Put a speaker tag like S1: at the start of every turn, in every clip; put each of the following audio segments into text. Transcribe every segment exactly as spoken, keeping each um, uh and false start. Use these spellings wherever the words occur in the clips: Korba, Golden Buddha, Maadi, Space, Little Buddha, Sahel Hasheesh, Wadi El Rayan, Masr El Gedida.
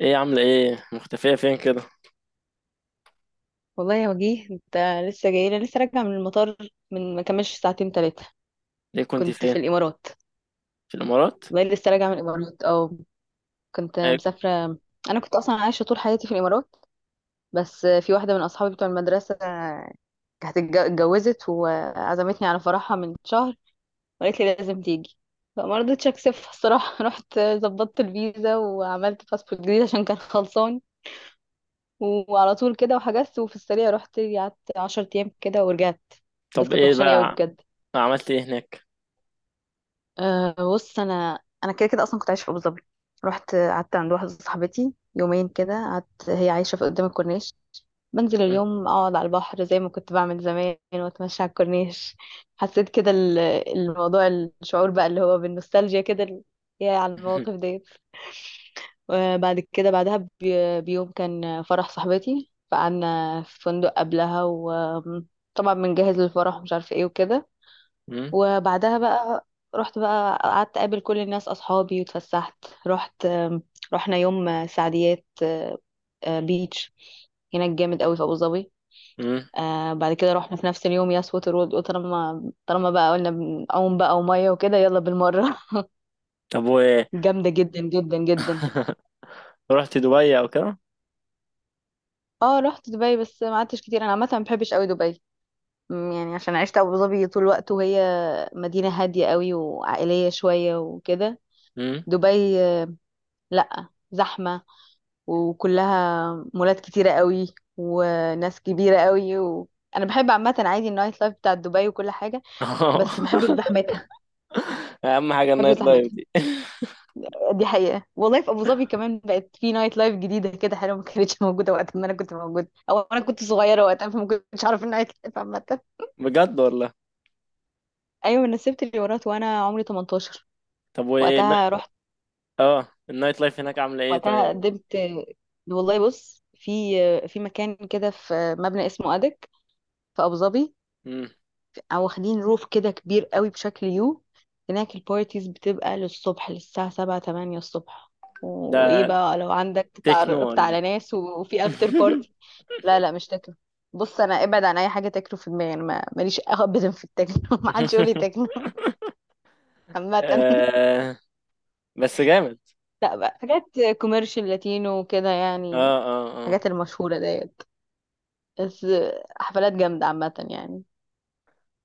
S1: ايه عاملة ايه مختفية فين كده؟
S2: والله يا وجيه، انت لسه جاي لي. لسه راجعه من المطار، من ما كملش ساعتين ثلاثه.
S1: ليه؟ كنت
S2: كنت في
S1: فين؟
S2: الامارات.
S1: في الامارات؟
S2: والله لسه راجعه من الامارات، او كنت
S1: إيه ك-
S2: مسافره. انا كنت اصلا عايشه طول حياتي في الامارات، بس في واحده من اصحابي بتوع المدرسه كانت اتج- اتجوزت وعزمتني على فرحها من شهر، وقالت لي لازم تيجي، فما رضيتش اكسفها الصراحه. رحت ظبطت الفيزا وعملت باسبورت جديد عشان كان خلصان، وعلى طول كده وحجزت، وفي السريع رحت قعدت 10 ايام كده ورجعت. بس
S1: طب
S2: كانت
S1: ايه
S2: وحشاني قوي
S1: بقى؟
S2: بجد.
S1: عملت ايه هناك؟
S2: أه بص، انا انا كده كده اصلا كنت عايشه في ابو ظبي. رحت قعدت عند واحده صاحبتي يومين كده، قعدت هي عايشه في قدام الكورنيش. بنزل
S1: مم.
S2: اليوم اقعد على البحر زي ما كنت بعمل زمان، واتمشى على الكورنيش. حسيت كده ال- الموضوع، الشعور بقى اللي هو بالنوستالجيا كده، ال- يا على المواقف دي. وبعد كده، بعدها بي- بيوم كان فرح صاحبتي، فقعدنا في فندق قبلها، وطبعا بنجهز للفرح ومش عارفه ايه وكده.
S1: مم.
S2: وبعدها بقى رحت بقى قعدت اقابل كل الناس اصحابي واتفسحت. رحت آم، رحنا يوم آه، سعديات. آه، آه، بيتش هناك جامد قوي في ابو ظبي.
S1: مم.
S2: آه بعد كده رحنا في نفس اليوم ياس ووتر وورلد. قلت طالما طالما بقى، قلنا بنعوم بقى وميه وكده، يلا بالمره.
S1: طب وايه؟
S2: جامده جدا جدا جدا.
S1: رحت دبي او كده؟
S2: اه رحت دبي، بس ما قعدتش كتير. انا عامه ما بحبش قوي دبي. م، يعني عشان عشت ابو ظبي طول الوقت، وهي مدينه هاديه قوي وعائليه شويه وكده.
S1: مم.
S2: دبي آه، لا، زحمه، وكلها مولات كتيرة قوي، وناس كبيرة قوي و... انا بحب عامة عادي النايت لايف بتاع دبي وكل حاجة، بس ما بحبش زحمتها.
S1: اهم حاجة
S2: ما بحبش
S1: النايت لايف
S2: زحمتها.
S1: دي.
S2: دي حقيقة والله. في ابو ظبي كمان بقت في نايت لايف جديدة كده حلوة، ما كانتش موجودة وقت ما انا كنت موجودة، او انا كنت صغيرة وقتها فما كنتش اعرف النايت لايف عامة.
S1: بجد والله؟
S2: ايوه، انا سبت الامارات وانا عمري ثمانية عشر.
S1: طب وايه
S2: وقتها
S1: النا-
S2: رحت،
S1: اه النايت لايف هناك عاملة ايه
S2: وقتها
S1: طيب؟
S2: قدمت. والله بص، في في مكان كده، في مبنى اسمه ادك، في ابو ظبي،
S1: مم.
S2: او واخدين روف كده كبير قوي بشكل يو. هناك البارتيز بتبقى للصبح، للساعة سبعة تمانية الصبح. وايه
S1: ده
S2: بقى، لو عندك
S1: تكنو
S2: اتعرفت
S1: ولا
S2: على
S1: إيه؟
S2: ناس، و- وفي افتر بارتي. لا لا، مش تكنو. بص انا ابعد عن اي حاجه تكنو، في دماغي انا ما- ماليش ابدا في التكنو. ما حدش يقول لي تكنو. عامه.
S1: آه، بس جامد.
S2: لا بقى، حاجات كوميرشال، لاتينو وكده
S1: اه
S2: يعني،
S1: اه اه.
S2: الحاجات المشهوره ديت. بس حفلات جامده عامه يعني،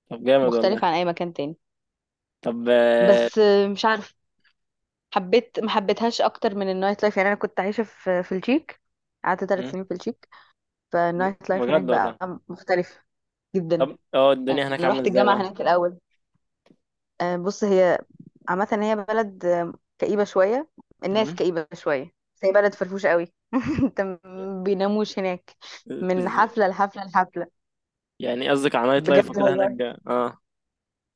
S1: طب جامد
S2: مختلفه
S1: والله.
S2: عن اي مكان تاني.
S1: طب آه.
S2: بس مش عارفه، حبيت ما حبيتهاش اكتر من النايت لايف. يعني انا كنت عايشه في في التشيك، قعدت ثلاث سنين في التشيك، فالنايت لايف هناك
S1: بجد
S2: بقى
S1: والله؟
S2: مختلف جدا.
S1: طب اه،
S2: انا
S1: الدنيا هناك عاملة
S2: رحت
S1: ازاي
S2: الجامعه
S1: بقى؟
S2: هناك الاول. آه، بص، هي عامه هي بلد آه، كئيبه شويه، الناس
S1: مم؟
S2: كئيبه شويه. بس هي بلد فرفوشه قوي. انت ما بيناموش هناك، من
S1: إز...
S2: حفله لحفله لحفله.
S1: يعني قصدك على نايت لايف
S2: بجد
S1: وكده
S2: والله.
S1: هناك اه.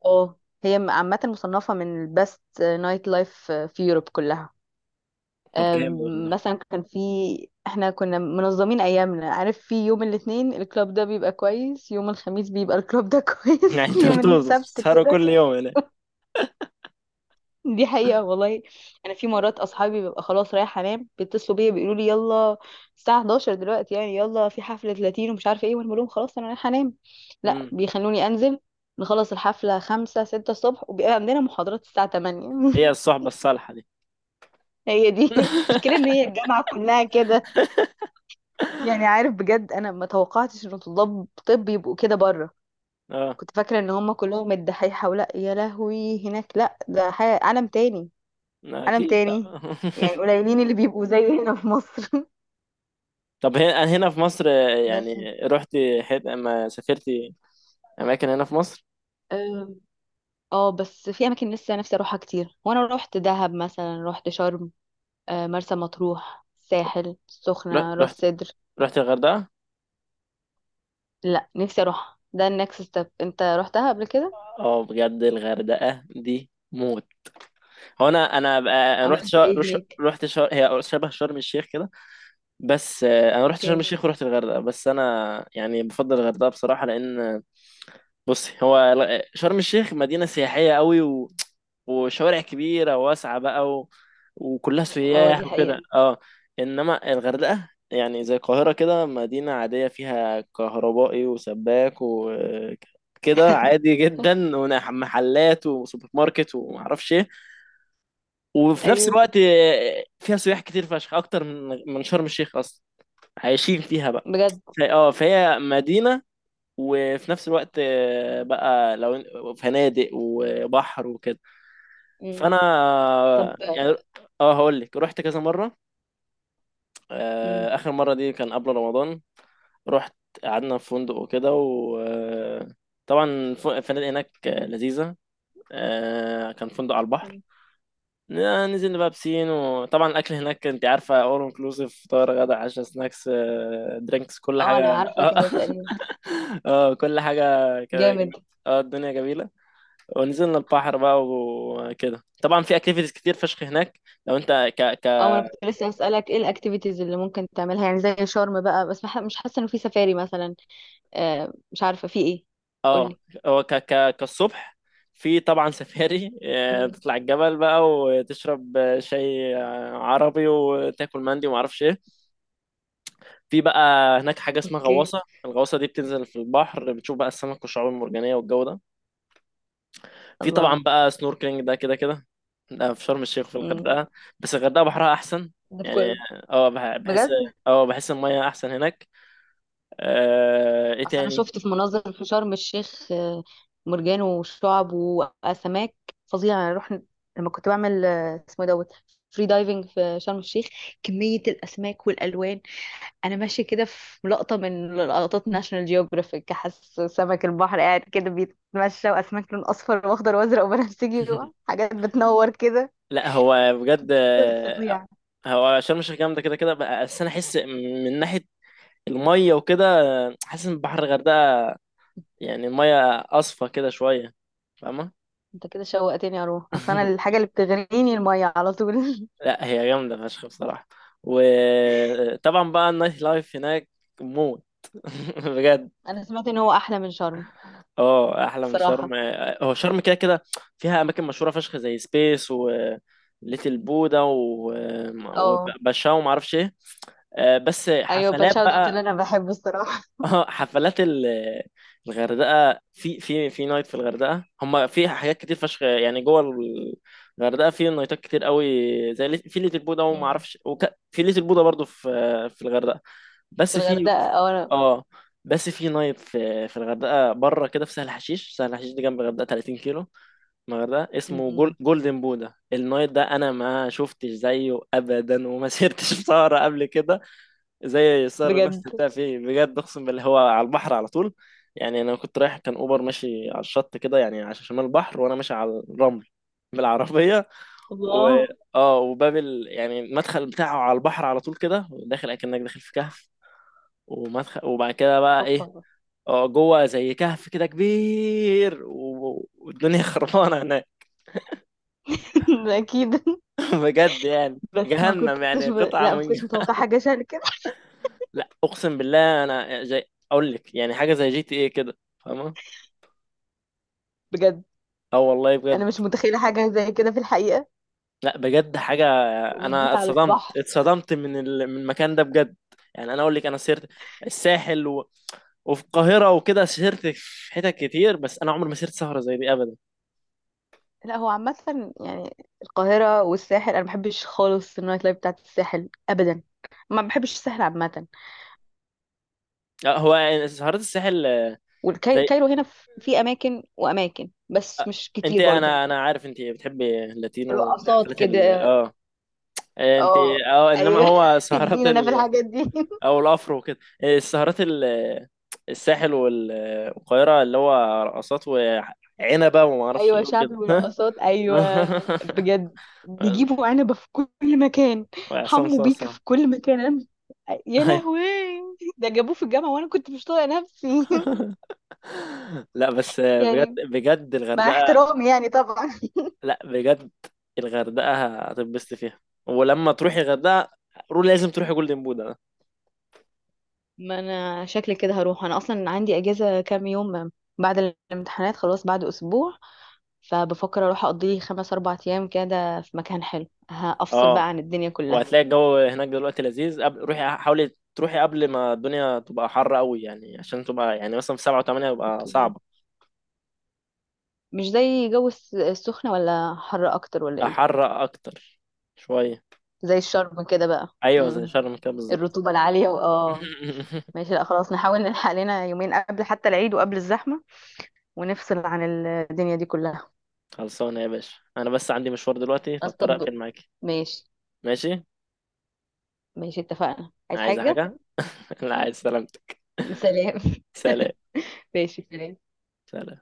S2: اه، هي عامه مصنفه من البست نايت لايف في يوروب كلها.
S1: طب جامد
S2: آم،
S1: والله.
S2: مثلا كان في، احنا كنا منظمين ايامنا، عارف، في يوم الاثنين الكلاب ده بيبقى كويس، يوم الخميس بيبقى الكلاب ده كويس،
S1: يعني انتوا
S2: يوم
S1: بتبقوا
S2: السبت
S1: بتسهروا
S2: كده.
S1: كل يوم هناك؟
S2: دي حقيقة والله. انا في مرات اصحابي ببقى خلاص رايحة انام، بيتصلوا بيا بيقولوا لي يلا، الساعة حداشر دلوقتي يعني، يلا في حفلة لاتين ومش عارفة ايه، وانا بقول لهم خلاص انا رايحة انام. لا،
S1: مم.
S2: بيخلوني انزل، نخلص الحفلة خمسة ستة الصبح، وبيبقى عندنا محاضرات الساعة تمانية.
S1: هي الصحبة الصالحة دي.
S2: هي دي. المشكلة ان هي الجامعة كلها كده. يعني عارف بجد، انا ما توقعتش ان طلاب طب يبقوا كده بره.
S1: اه.
S2: كنت فاكره ان هم كلهم الدحيحه، ولا يا لهوي، هناك لا ده حاجه عالم تاني،
S1: لا،
S2: عالم
S1: اكيد.
S2: تاني. يعني قليلين اللي بيبقوا زي هنا في مصر.
S1: طب هنا هنا في مصر،
S2: بس
S1: يعني رحتي حت... ما سافرتي اماكن هنا في مصر؟
S2: آم، اه، بس في اماكن لسه نفسي اروحها كتير. وانا روحت دهب مثلا، روحت شرم، آه، مرسى مطروح، ساحل
S1: ر-
S2: السخنه،
S1: رحت،
S2: راس سدر.
S1: رحت الغردقة؟
S2: لا، نفسي اروح، ده النكست ستيب. انت روحتها قبل كده؟
S1: اه بجد الغردقة دي موت. هو انا انا بقى- أنا رحت
S2: عملت
S1: شا...
S2: ايه
S1: رش-
S2: هناك؟
S1: رحت شا... هي شبه شرم الشيخ كده. بس آه، انا رحت شرم
S2: اوكي.
S1: الشيخ ورحت الغردقه، بس انا يعني بفضل الغردقه بصراحه، لان آه، بصي هو الغ- شرم الشيخ مدينه سياحيه قوي، و... وشوارع كبيره واسعه بقى، و... وكلها
S2: اه
S1: سياح
S2: دي
S1: وكده
S2: حقيقه.
S1: اه. انما الغردقه يعني زي القاهره كده، مدينه عاديه فيها كهربائي وسباك وكده، عادي جدا ومحلات وسوبر ماركت ومعرفش ايه. وفي نفس
S2: ايوه.
S1: الوقت آه، فيها سياح كتير فشخ اكتر من من شرم الشيخ اصلا، عايشين فيها. ف-
S2: بجد.
S1: اه فهي مدينة، وفي نفس الوقت آه، بقى لو فنادق وبحر وكده.
S2: مم.
S1: فانا آه،
S2: طب آه،
S1: يعني اه هقول لك. رحت كذا مرة،
S2: مم.
S1: آه، اخر مرة دي كان قبل رمضان. رحت قعدنا في فندق وكده، وطبعا الفنادق هناك آه، لذيذة. آه، كان فندق على البحر. ن- نزلنا بقى بسين، وطبعا الاكل هناك انت عارفه، اول انكلوسيف، فطار غدا عشاء سناكس درينكس كل
S2: اه
S1: حاجه.
S2: انا عارفه كده تقريبا.
S1: اه كل حاجة كده
S2: جامد.
S1: جميلة. اه الدنيا جميلة. ونزلنا البحر بقى وكده، طبعا في اكتيفيتيز كتير فشخ هناك. لو انت ك ك
S2: اه، ما انا كنت لسه هسألك ايه الاكتيفيتيز اللي ممكن تعملها، يعني زي شرم بقى، بس مح- مش حاسه انه في سفاري مثلا. آه مش عارفه في ايه.
S1: اه
S2: قولي.
S1: هو ك ك كالصبح في طبعا سفاري، آه،
S2: مم.
S1: تطلع الجبل بقى وتشرب آه، شاي آه، عربي، وتاكل مندي وما اعرفش ايه. في بقى هناك حاجة اسمها
S2: اوكي.
S1: غواصة. الغواصة دي بتنزل في البحر، بتشوف بقى السمك والشعاب المرجانية والجو ده. في طبعا
S2: الله.
S1: بقى سنوركلينج، ده كده كده. ده في شرم الشيخ في
S2: مم.
S1: الغردقه، بس الغردقه بحرها احسن،
S2: ده في
S1: يعني
S2: كله؟
S1: اه بح- بحس،
S2: بجد.
S1: اه بحس الميه احسن هناك. آه، ايه
S2: اصل انا
S1: تاني؟
S2: شفت في مناظر في شرم الشيخ آه، مرجان وشعب واسماك فظيعه. انا رحنا لما كنت بعمل آه، اسمه إيه دوت، فري دايفنج في شرم الشيخ، كميه الاسماك والالوان. انا ماشيه كده في لقطه من لقطات ناشونال جيوغرافيك، حاسه سمك البحر قاعد كده بيتمشى، واسماك لون اصفر واخضر وازرق وبنفسجي، حاجات بتنور كده.
S1: لا هو بجد
S2: منظر
S1: آه،
S2: فظيع.
S1: هو شرم الشيخ جامده كده كده بقى- بس انا احس من ناحيه الميه وكده، آه، حاسس ان بحر الغردقه يعني الميه اصفى كده شويه، فاهمه؟
S2: انت كده شوقتني اروح، اصل انا الحاجه اللي بتغريني الميه على طول.
S1: لا هي جامده فشخ بصراحه، وطبعا بقى النايت لايف هناك موت. بجد.
S2: انا سمعت ان هو احلى من شرم.
S1: اه احلى من
S2: الصراحه
S1: شرم، آه، هو شرم كده كده فيها اماكن مشهوره فشخ زي سبيس، و ليتل بودا، و...
S2: اه.
S1: وباشا وما اعرفش ايه. آه، بس
S2: ايوه،
S1: حفلات
S2: باتشاو ده اللي
S1: بقى.
S2: انا بحبه الصراحه.
S1: اه حفلات ال- الغردقه في في في نايت في الغردقه، هم في حاجات كتير فشخ يعني جوه. الغردقه في نايتات كتير قوي، زي ليت- في ليتل بودا وما
S2: امم.
S1: اعرفش وك... في ليتل بودا برضو في في الغردقه.
S2: في
S1: بس في
S2: الغردقه اه. انا،
S1: اه بس في نايت في في الغردقه بره كده في سهل حشيش. سهل حشيش دي جنب الغردقه ثلاثين كيلو من الغردقه، اسمه جول...
S2: امم.
S1: جولدن بودا. النايت ده انا ما شفتش زيه ابدا، وما سيرتش في سهره قبل كده. زي سعر نفس
S2: بجد.
S1: بتاع فيه، بجد اقسم بالله هو على البحر على طول. يعني انا كنت رايح، كان اوبر ماشي على الشط كده، يعني على شمال البحر وانا ماشي على الرمل بالعربيه. و
S2: الله.
S1: اه وباب ال... يعني المدخل بتاعه على البحر على طول كده، داخل اكنك داخل في كهف ومدخل. وبعد كده بقى ايه،
S2: اوبا.
S1: اه جوه زي كهف كده كبير، و... والدنيا خربانه هناك.
S2: اكيد.
S1: بجد يعني
S2: بس ما
S1: جهنم،
S2: كنتش
S1: يعني
S2: ب...
S1: قطعه
S2: لا، ما
S1: من
S2: كنتش متوقعه حاجه شبه كده.
S1: لا اقسم بالله انا زي، اقول لك يعني حاجه زي جي تي ايه كده، فاهمه؟
S2: بجد،
S1: اه والله
S2: انا
S1: بجد.
S2: مش متخيله حاجه زي كده في الحقيقه.
S1: لا بجد حاجة، انا
S2: وبالذات على
S1: اتصدمت،
S2: البحر.
S1: اتصدمت من ال... من المكان ده بجد. يعني انا اقول لك، انا سيرت الساحل، و... وفي القاهرة وكده، سهرت في حتت كتير، بس انا عمري ما سهرت سهرة زي دي ابدا.
S2: لا هو عامه يعني، القاهره والساحل انا ما بحبش خالص النايت لايف بتاعت الساحل ابدا، ما بحبش الساحل عامه.
S1: لا، هو سهرات الساحل آه، زي،
S2: والكايرو هنا ف- في اماكن واماكن، بس مش
S1: انت
S2: كتير برضو.
S1: انا انا عارف انت بتحبي اللاتينو،
S2: رقصات
S1: حفلات ال
S2: كده.
S1: اه، آه، انت
S2: اه.
S1: اه. انما
S2: ايوه.
S1: هو سهرات
S2: ادينا انا في
S1: ال،
S2: الحاجات دي.
S1: او الافرو وكده، آه، السهرات ال الساحل وال- والقاهرة، اللي هو رقصات وعنبة وما اعرفش ايه
S2: ايوه، شعبي
S1: وكده.
S2: ورقصات، ايوه. بجد. بيجيبوا عنبه في كل مكان،
S1: وعصام
S2: حمو بيك
S1: صاصة.
S2: في كل مكان. أنا- يا
S1: ايوه
S2: لهوي، ده جابوه في الجامعه وانا كنت مش طايقه نفسي.
S1: لا بس بجد
S2: يعني
S1: بجد
S2: مع
S1: الغردقة.
S2: احترامي يعني طبعا.
S1: لا بجد الغردقة هتنبسط فيها. ولما تروحي الغردقة، روح لازم تروحي جولدن بودا ده.
S2: ما انا شكلي كده هروح، انا اصلا عندي اجازه كام يوم بعد الامتحانات. خلاص بعد اسبوع، فبفكر اروح اقضي لي خمس اربع ايام كده في مكان حلو، هفصل
S1: اه
S2: بقى عن الدنيا كلها.
S1: وهتلاقي الجو هناك دلوقتي لذيذ. قبل روحي حاولي تروحي قبل ما الدنيا تبقى حر قوي، يعني عشان تبقى يعني مثلا في سبعة وثمانية يبقى
S2: اوكي.
S1: صعبة.
S2: مش زي جو الس- السخنه؟ ولا حر اكتر، ولا ايه؟
S1: حر أكتر شوية.
S2: زي الشرب كده بقى.
S1: أيوة زي
S2: مم.
S1: شرم كده بالظبط.
S2: الرطوبة العالية، واه. ماشي، لا خلاص، نحاول نلحق لنا يومين قبل حتى العيد وقبل الزحمة، ونفصل عن الدنيا دي كلها.
S1: خلصانة يا باشا، أنا بس عندي مشوار دلوقتي
S2: خلاص
S1: فاضطر
S2: طب،
S1: أقفل معاكي.
S2: ماشي.
S1: ماشي.
S2: ماشي اتفقنا، عايز
S1: عايزة
S2: حاجة؟
S1: حاجة؟ لا عايز سلامتك.
S2: سلام.
S1: سلام.
S2: ماشي، سلام.
S1: سلام.